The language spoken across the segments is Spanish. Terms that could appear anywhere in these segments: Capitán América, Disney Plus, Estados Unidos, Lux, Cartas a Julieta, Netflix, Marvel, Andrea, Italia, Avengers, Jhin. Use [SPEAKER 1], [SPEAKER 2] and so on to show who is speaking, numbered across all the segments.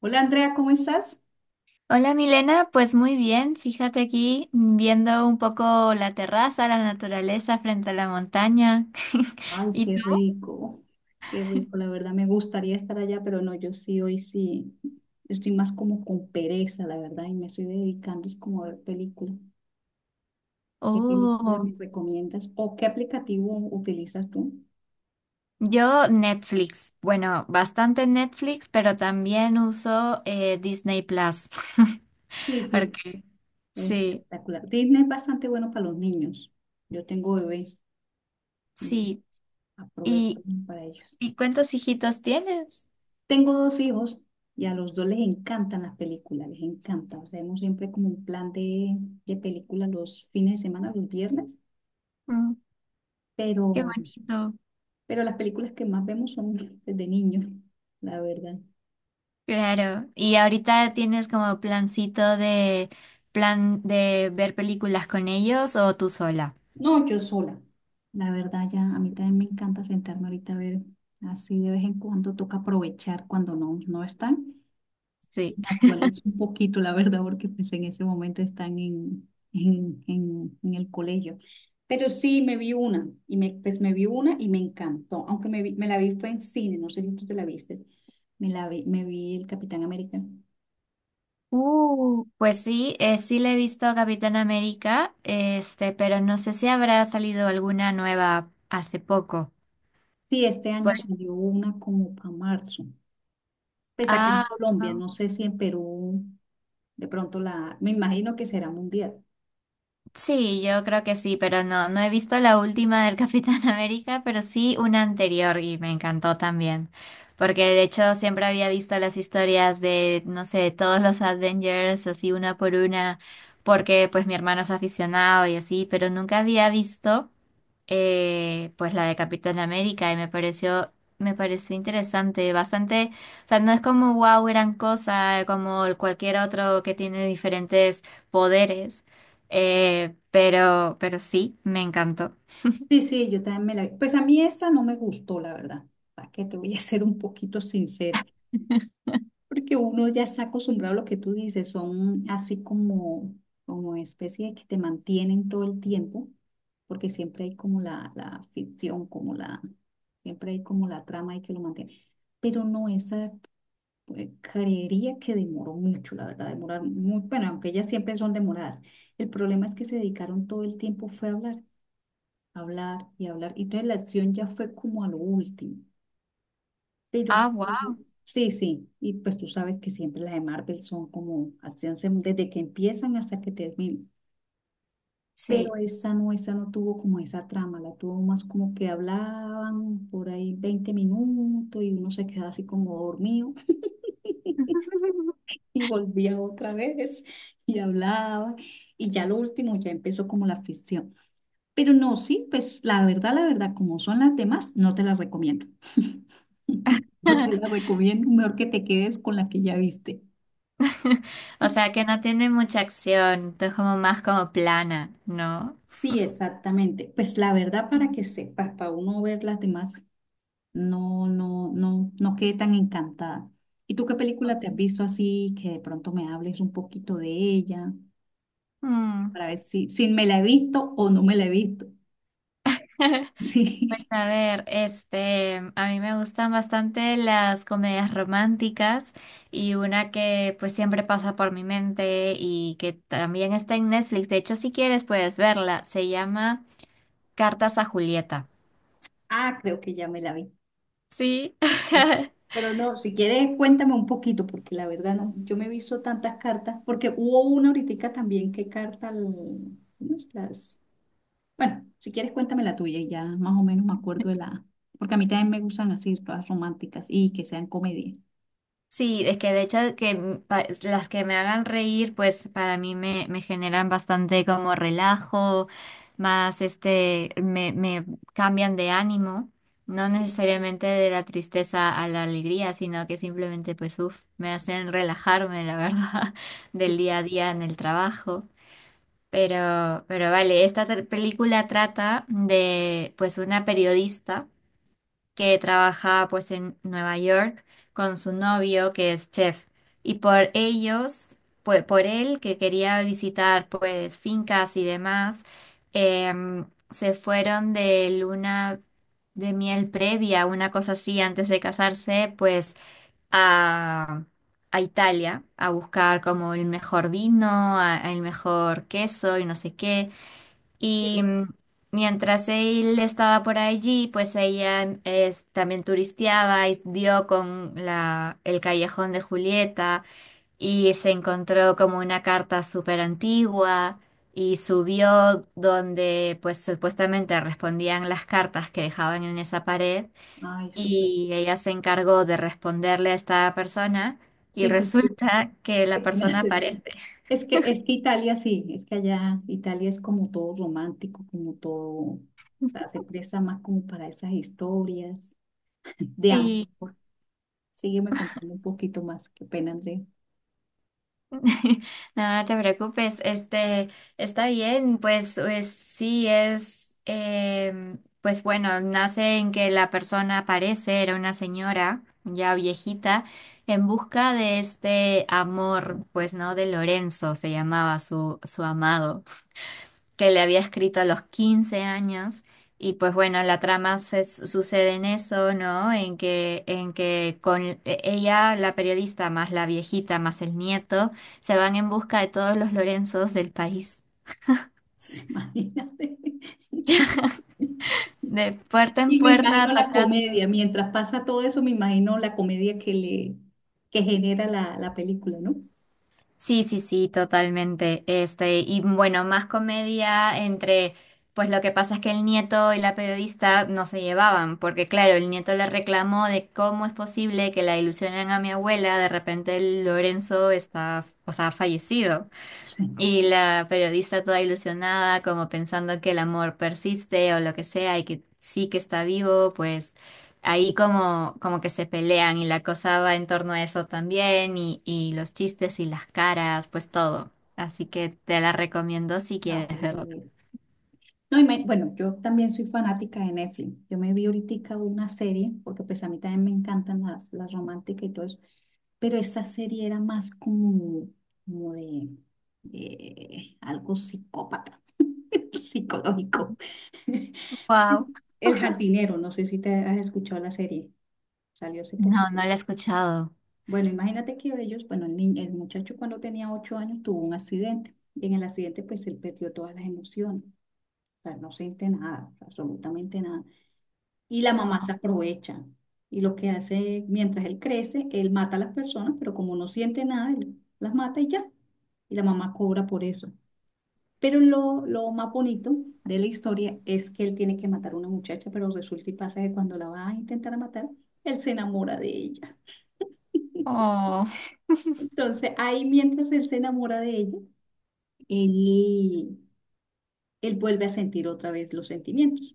[SPEAKER 1] Hola Andrea, ¿cómo estás?
[SPEAKER 2] Hola Milena, pues muy bien, fíjate aquí viendo un poco la terraza, la naturaleza frente a la montaña.
[SPEAKER 1] Ay,
[SPEAKER 2] ¿Y tú?
[SPEAKER 1] qué rico, la verdad me gustaría estar allá, pero no, yo sí, hoy sí, estoy más como con pereza, la verdad, y me estoy dedicando es como a ver película. ¿Qué película
[SPEAKER 2] Oh,
[SPEAKER 1] me recomiendas o qué aplicativo utilizas tú?
[SPEAKER 2] yo Netflix. Bueno, bastante Netflix, pero también uso Disney Plus.
[SPEAKER 1] Sí, sí,
[SPEAKER 2] Porque sí,
[SPEAKER 1] espectacular. Disney es bastante bueno para los niños. Yo tengo bebé y
[SPEAKER 2] sí.
[SPEAKER 1] aprovecho
[SPEAKER 2] ¿Y,
[SPEAKER 1] para ellos.
[SPEAKER 2] y cuántos hijitos tienes?
[SPEAKER 1] Tengo dos hijos y a los dos les encantan las películas, les encanta. O sea, hemos siempre como un plan de película los fines de semana, los viernes,
[SPEAKER 2] Mm, qué
[SPEAKER 1] pero,
[SPEAKER 2] bonito.
[SPEAKER 1] pero las películas que más vemos son pues, de niños, la verdad.
[SPEAKER 2] Claro, y ahorita tienes como plancito de plan de ver películas con ellos o tú sola.
[SPEAKER 1] No, yo sola. La verdad, ya a mí también me encanta sentarme ahorita a ver, así de vez en cuando toca aprovechar cuando no, no están. Y
[SPEAKER 2] Sí.
[SPEAKER 1] me actualizo un poquito, la verdad, porque pues en ese momento están en el colegio. Pero sí, me vi una, y me, pues me vi una y me encantó, aunque me la vi fue en cine, no sé si tú te la viste, me vi el Capitán América.
[SPEAKER 2] Pues sí, sí le he visto a Capitán América, este, pero no sé si habrá salido alguna nueva hace poco.
[SPEAKER 1] Sí, este
[SPEAKER 2] Pues,
[SPEAKER 1] año salió una como para marzo, pues acá en
[SPEAKER 2] ah,
[SPEAKER 1] Colombia, no sé si en Perú, de pronto la, me imagino que será mundial.
[SPEAKER 2] sí, yo creo que sí, pero no, no he visto la última del Capitán América, pero sí una anterior y me encantó también, porque de hecho siempre había visto las historias de, no sé, todos los Avengers, así una por una, porque pues mi hermano es aficionado y así, pero nunca había visto pues la de Capitán América y me pareció interesante, bastante, o sea, no es como wow, gran cosa, como cualquier otro que tiene diferentes poderes, pero sí, me encantó.
[SPEAKER 1] Sí, sí, yo también me la vi. Pues a mí esa no me gustó, la verdad, para qué te voy a ser un poquito sincera. Porque uno ya está acostumbrado a lo que tú dices, son así como, como especie de que te mantienen todo el tiempo, porque siempre hay como la ficción, como la, siempre hay como la trama y que lo mantiene. Pero no, esa creería que demoró mucho, la verdad, demorar muy, bueno, aunque ellas siempre son demoradas. El problema es que se dedicaron todo el tiempo fue a hablar, hablar y hablar, y entonces la acción ya fue como a lo último. Pero
[SPEAKER 2] Ah,
[SPEAKER 1] sí,
[SPEAKER 2] wow,
[SPEAKER 1] sí, sí. Y pues tú sabes que siempre las de Marvel son como acción sem- desde que empiezan hasta que terminan. Pero
[SPEAKER 2] sí.
[SPEAKER 1] esa no tuvo como esa trama, la tuvo más como que hablaban por ahí 20 minutos y uno se quedaba así como dormido y volvía otra vez y hablaba. Y ya lo último ya empezó como la ficción. Pero no, sí, pues la verdad, como son las demás, no te las recomiendo. No te las recomiendo, mejor que te quedes con la que ya viste.
[SPEAKER 2] O sea, que no tiene mucha acción, es como más como plana, ¿no?
[SPEAKER 1] Sí, exactamente. Pues la verdad, para
[SPEAKER 2] Mm,
[SPEAKER 1] que sepas, para uno ver las demás, no, no, no, no quedé tan encantada. ¿Y tú qué película te has
[SPEAKER 2] ok.
[SPEAKER 1] visto así que de pronto me hables un poquito de ella
[SPEAKER 2] Mm.
[SPEAKER 1] para ver si, si me la he visto o no me la he visto?
[SPEAKER 2] Pues
[SPEAKER 1] Sí.
[SPEAKER 2] a ver, este, a mí me gustan bastante las comedias románticas y una que pues siempre pasa por mi mente y que también está en Netflix. De hecho, si quieres puedes verla. Se llama Cartas a Julieta.
[SPEAKER 1] Ah, creo que ya me la vi.
[SPEAKER 2] Sí.
[SPEAKER 1] Pero no, si quieres, cuéntame un poquito, porque la verdad no, yo me he visto tantas cartas, porque hubo una ahorita también que carta, al- ¿cómo es? Las Bueno, si quieres cuéntame la tuya y ya más o menos me acuerdo de la... Porque a mí también me gustan así, todas románticas y que sean comedia.
[SPEAKER 2] Sí, es que de hecho que m- pa- las que me hagan reír, pues para mí me, me generan bastante como relajo, más este, me cambian de ánimo, no
[SPEAKER 1] Sí,
[SPEAKER 2] necesariamente de la tristeza a la alegría, sino que simplemente pues uff, me hacen relajarme, la verdad, del
[SPEAKER 1] sí,
[SPEAKER 2] día a día en el trabajo. Pero vale, esta tra- película trata de pues una periodista que trabaja pues en Nueva York con su novio que es chef y por ellos, pues por él que quería visitar pues fincas y demás, se fueron de luna de miel previa, una cosa así antes de casarse, pues a, a Italia a buscar como el mejor vino, a- el mejor queso y no sé qué.
[SPEAKER 1] sí.
[SPEAKER 2] Y mientras él estaba por allí, pues ella es- también turisteaba y dio con la, el callejón de Julieta y se encontró como una carta súper antigua y subió donde pues supuestamente respondían las cartas que dejaban en esa pared
[SPEAKER 1] Ay, súper.
[SPEAKER 2] y ella se encargó de responderle a esta persona y
[SPEAKER 1] Sí, sí, sí.
[SPEAKER 2] resulta que la persona
[SPEAKER 1] Gracias.
[SPEAKER 2] aparece.
[SPEAKER 1] Es que Italia sí, es que allá Italia es como todo romántico, como todo, o sea, se presta más como para esas historias de amor. Sígueme contando un poquito más, qué pena, Andrea.
[SPEAKER 2] No, no te preocupes, este, está bien, pues, pues, sí es, pues bueno, nace en que la persona aparece, era una señora ya viejita, en busca de este amor, pues no, de Lorenzo se llamaba su, su amado que le había escrito a los 15 años. Y pues bueno, la trama se, sucede en eso, ¿no? En que con e- ella, la periodista, más la viejita, más el nieto, se van en busca de todos los Lorenzos del país.
[SPEAKER 1] Imagínate.
[SPEAKER 2] De puerta en
[SPEAKER 1] Y me
[SPEAKER 2] puerta,
[SPEAKER 1] imagino la
[SPEAKER 2] tocando.
[SPEAKER 1] comedia, mientras pasa todo eso, me imagino la comedia que le que genera la película, ¿no?
[SPEAKER 2] Sí, sí, sí, totalmente. Este, y bueno, más comedia entre, pues lo que pasa es que el nieto y la periodista no se llevaban, porque claro, el nieto le reclamó de cómo es posible que la ilusionen a mi abuela, de repente el Lorenzo está, o sea, ha fallecido.
[SPEAKER 1] Sí.
[SPEAKER 2] Y la periodista toda ilusionada, como pensando que el amor persiste o lo que sea y que sí que está vivo, pues ahí como, como que se pelean y la cosa va en torno a eso también y los chistes y las caras, pues todo. Así que te la recomiendo si
[SPEAKER 1] No,
[SPEAKER 2] quieres
[SPEAKER 1] pues
[SPEAKER 2] verlo.
[SPEAKER 1] mira. No, y me- bueno, yo también soy fanática de Netflix. Yo me vi ahorita una serie, porque pues a mí también me encantan las románticas y todo eso, pero esa serie era más como, como de, de algo psicópata, psicológico.
[SPEAKER 2] Wow.
[SPEAKER 1] El jardinero, no sé si te has escuchado la serie, salió hace
[SPEAKER 2] No,
[SPEAKER 1] poquito.
[SPEAKER 2] no la he escuchado.
[SPEAKER 1] Bueno, imagínate que ellos, bueno, el niño, el muchacho cuando tenía 8 años tuvo un accidente. Y en el accidente, pues él perdió todas las emociones. O sea, no siente nada, absolutamente nada. Y la mamá se
[SPEAKER 2] Wow.
[SPEAKER 1] aprovecha. Y lo que hace, mientras él crece, él mata a las personas, pero como no siente nada, él las mata y ya. Y la mamá cobra por eso. Pero lo más bonito de la historia es que él tiene que matar a una muchacha, pero resulta y pasa que cuando la va a intentar matar, él se enamora de ella.
[SPEAKER 2] Oh.
[SPEAKER 1] Entonces, ahí mientras él se enamora de ella, él, él vuelve a sentir otra vez los sentimientos.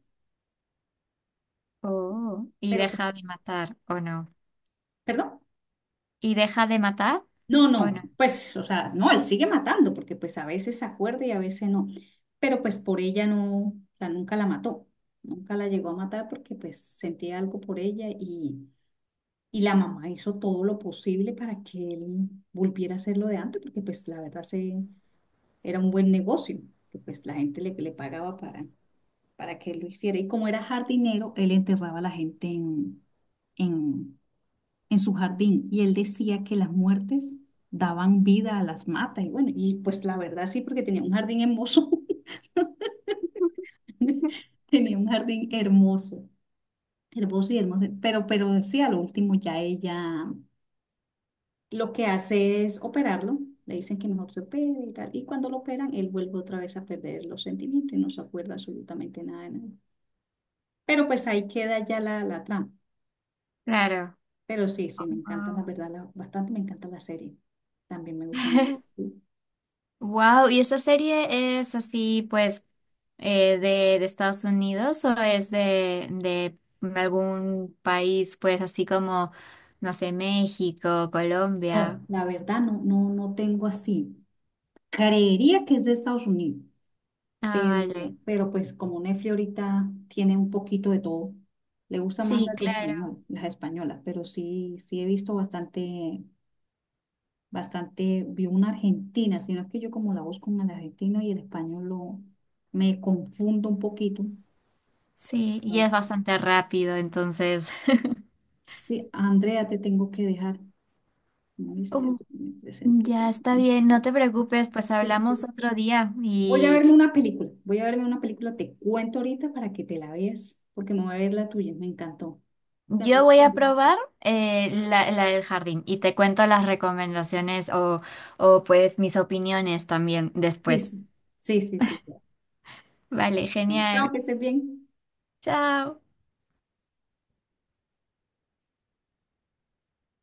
[SPEAKER 2] Oh, ¿y
[SPEAKER 1] Pero,
[SPEAKER 2] deja de matar, o no?
[SPEAKER 1] perdón,
[SPEAKER 2] ¿Y deja de matar?
[SPEAKER 1] no,
[SPEAKER 2] ¿O
[SPEAKER 1] no,
[SPEAKER 2] no?
[SPEAKER 1] pues, o sea, no, él sigue matando, porque pues a veces se acuerda y a veces no. Pero pues por ella no, o sea, nunca la mató, nunca la llegó a matar porque pues sentía algo por ella y la mamá hizo todo lo posible para que él volviera a hacer lo de antes, porque pues la verdad se, era un buen negocio, que pues la gente le, le pagaba para que lo hiciera. Y como era jardinero, él enterraba a la gente en, en su jardín. Y él decía que las muertes daban vida a las matas. Y bueno, y pues la verdad sí, porque tenía un jardín hermoso. Tenía un jardín hermoso, hermoso y hermoso. Pero sí, a lo último ya ella lo que hace es operarlo. Le dicen que mejor se opere y tal. Y cuando lo operan, él vuelve otra vez a perder los sentimientos y no se acuerda absolutamente nada de nada. Pero pues ahí queda ya la trama.
[SPEAKER 2] Claro.
[SPEAKER 1] Pero sí,
[SPEAKER 2] Oh,
[SPEAKER 1] sí, me encanta, la
[SPEAKER 2] wow.
[SPEAKER 1] verdad, la- bastante me encanta la serie. También me gustan.
[SPEAKER 2] Wow, ¿y esa serie es así, pues, de Estados Unidos o es de algún país, pues, así como, no sé, México, Colombia?
[SPEAKER 1] No, la verdad, no, no, no tengo así. Creería que es de Estados Unidos,
[SPEAKER 2] Ah,
[SPEAKER 1] pero,
[SPEAKER 2] vale.
[SPEAKER 1] pero pues como Netflix ahorita tiene un poquito de todo, le gusta más
[SPEAKER 2] Sí,
[SPEAKER 1] las de
[SPEAKER 2] claro.
[SPEAKER 1] español, las españolas, pero sí, sí he visto bastante, bastante, vi una argentina, sino que yo como la busco en el argentino y el español lo, me confundo un poquito.
[SPEAKER 2] Sí, y es
[SPEAKER 1] Entonces,
[SPEAKER 2] bastante rápido, entonces.
[SPEAKER 1] sí, Andrea, te tengo que dejar. ¿No viste?
[SPEAKER 2] Uh,
[SPEAKER 1] Me presento.
[SPEAKER 2] ya está
[SPEAKER 1] Sí,
[SPEAKER 2] bien, no te preocupes, pues
[SPEAKER 1] sí, sí.
[SPEAKER 2] hablamos otro día.
[SPEAKER 1] Voy a verme una película. Voy a verme una película. Te cuento ahorita para que te la veas, porque me voy a ver la tuya. Me encantó.
[SPEAKER 2] Yo voy a probar la, la del jardín y te cuento las recomendaciones o pues mis opiniones también
[SPEAKER 1] Sí,
[SPEAKER 2] después.
[SPEAKER 1] sí, sí. Sí. Sí, claro.
[SPEAKER 2] Vale,
[SPEAKER 1] Bueno, chao,
[SPEAKER 2] genial.
[SPEAKER 1] que estés bien.
[SPEAKER 2] Chao.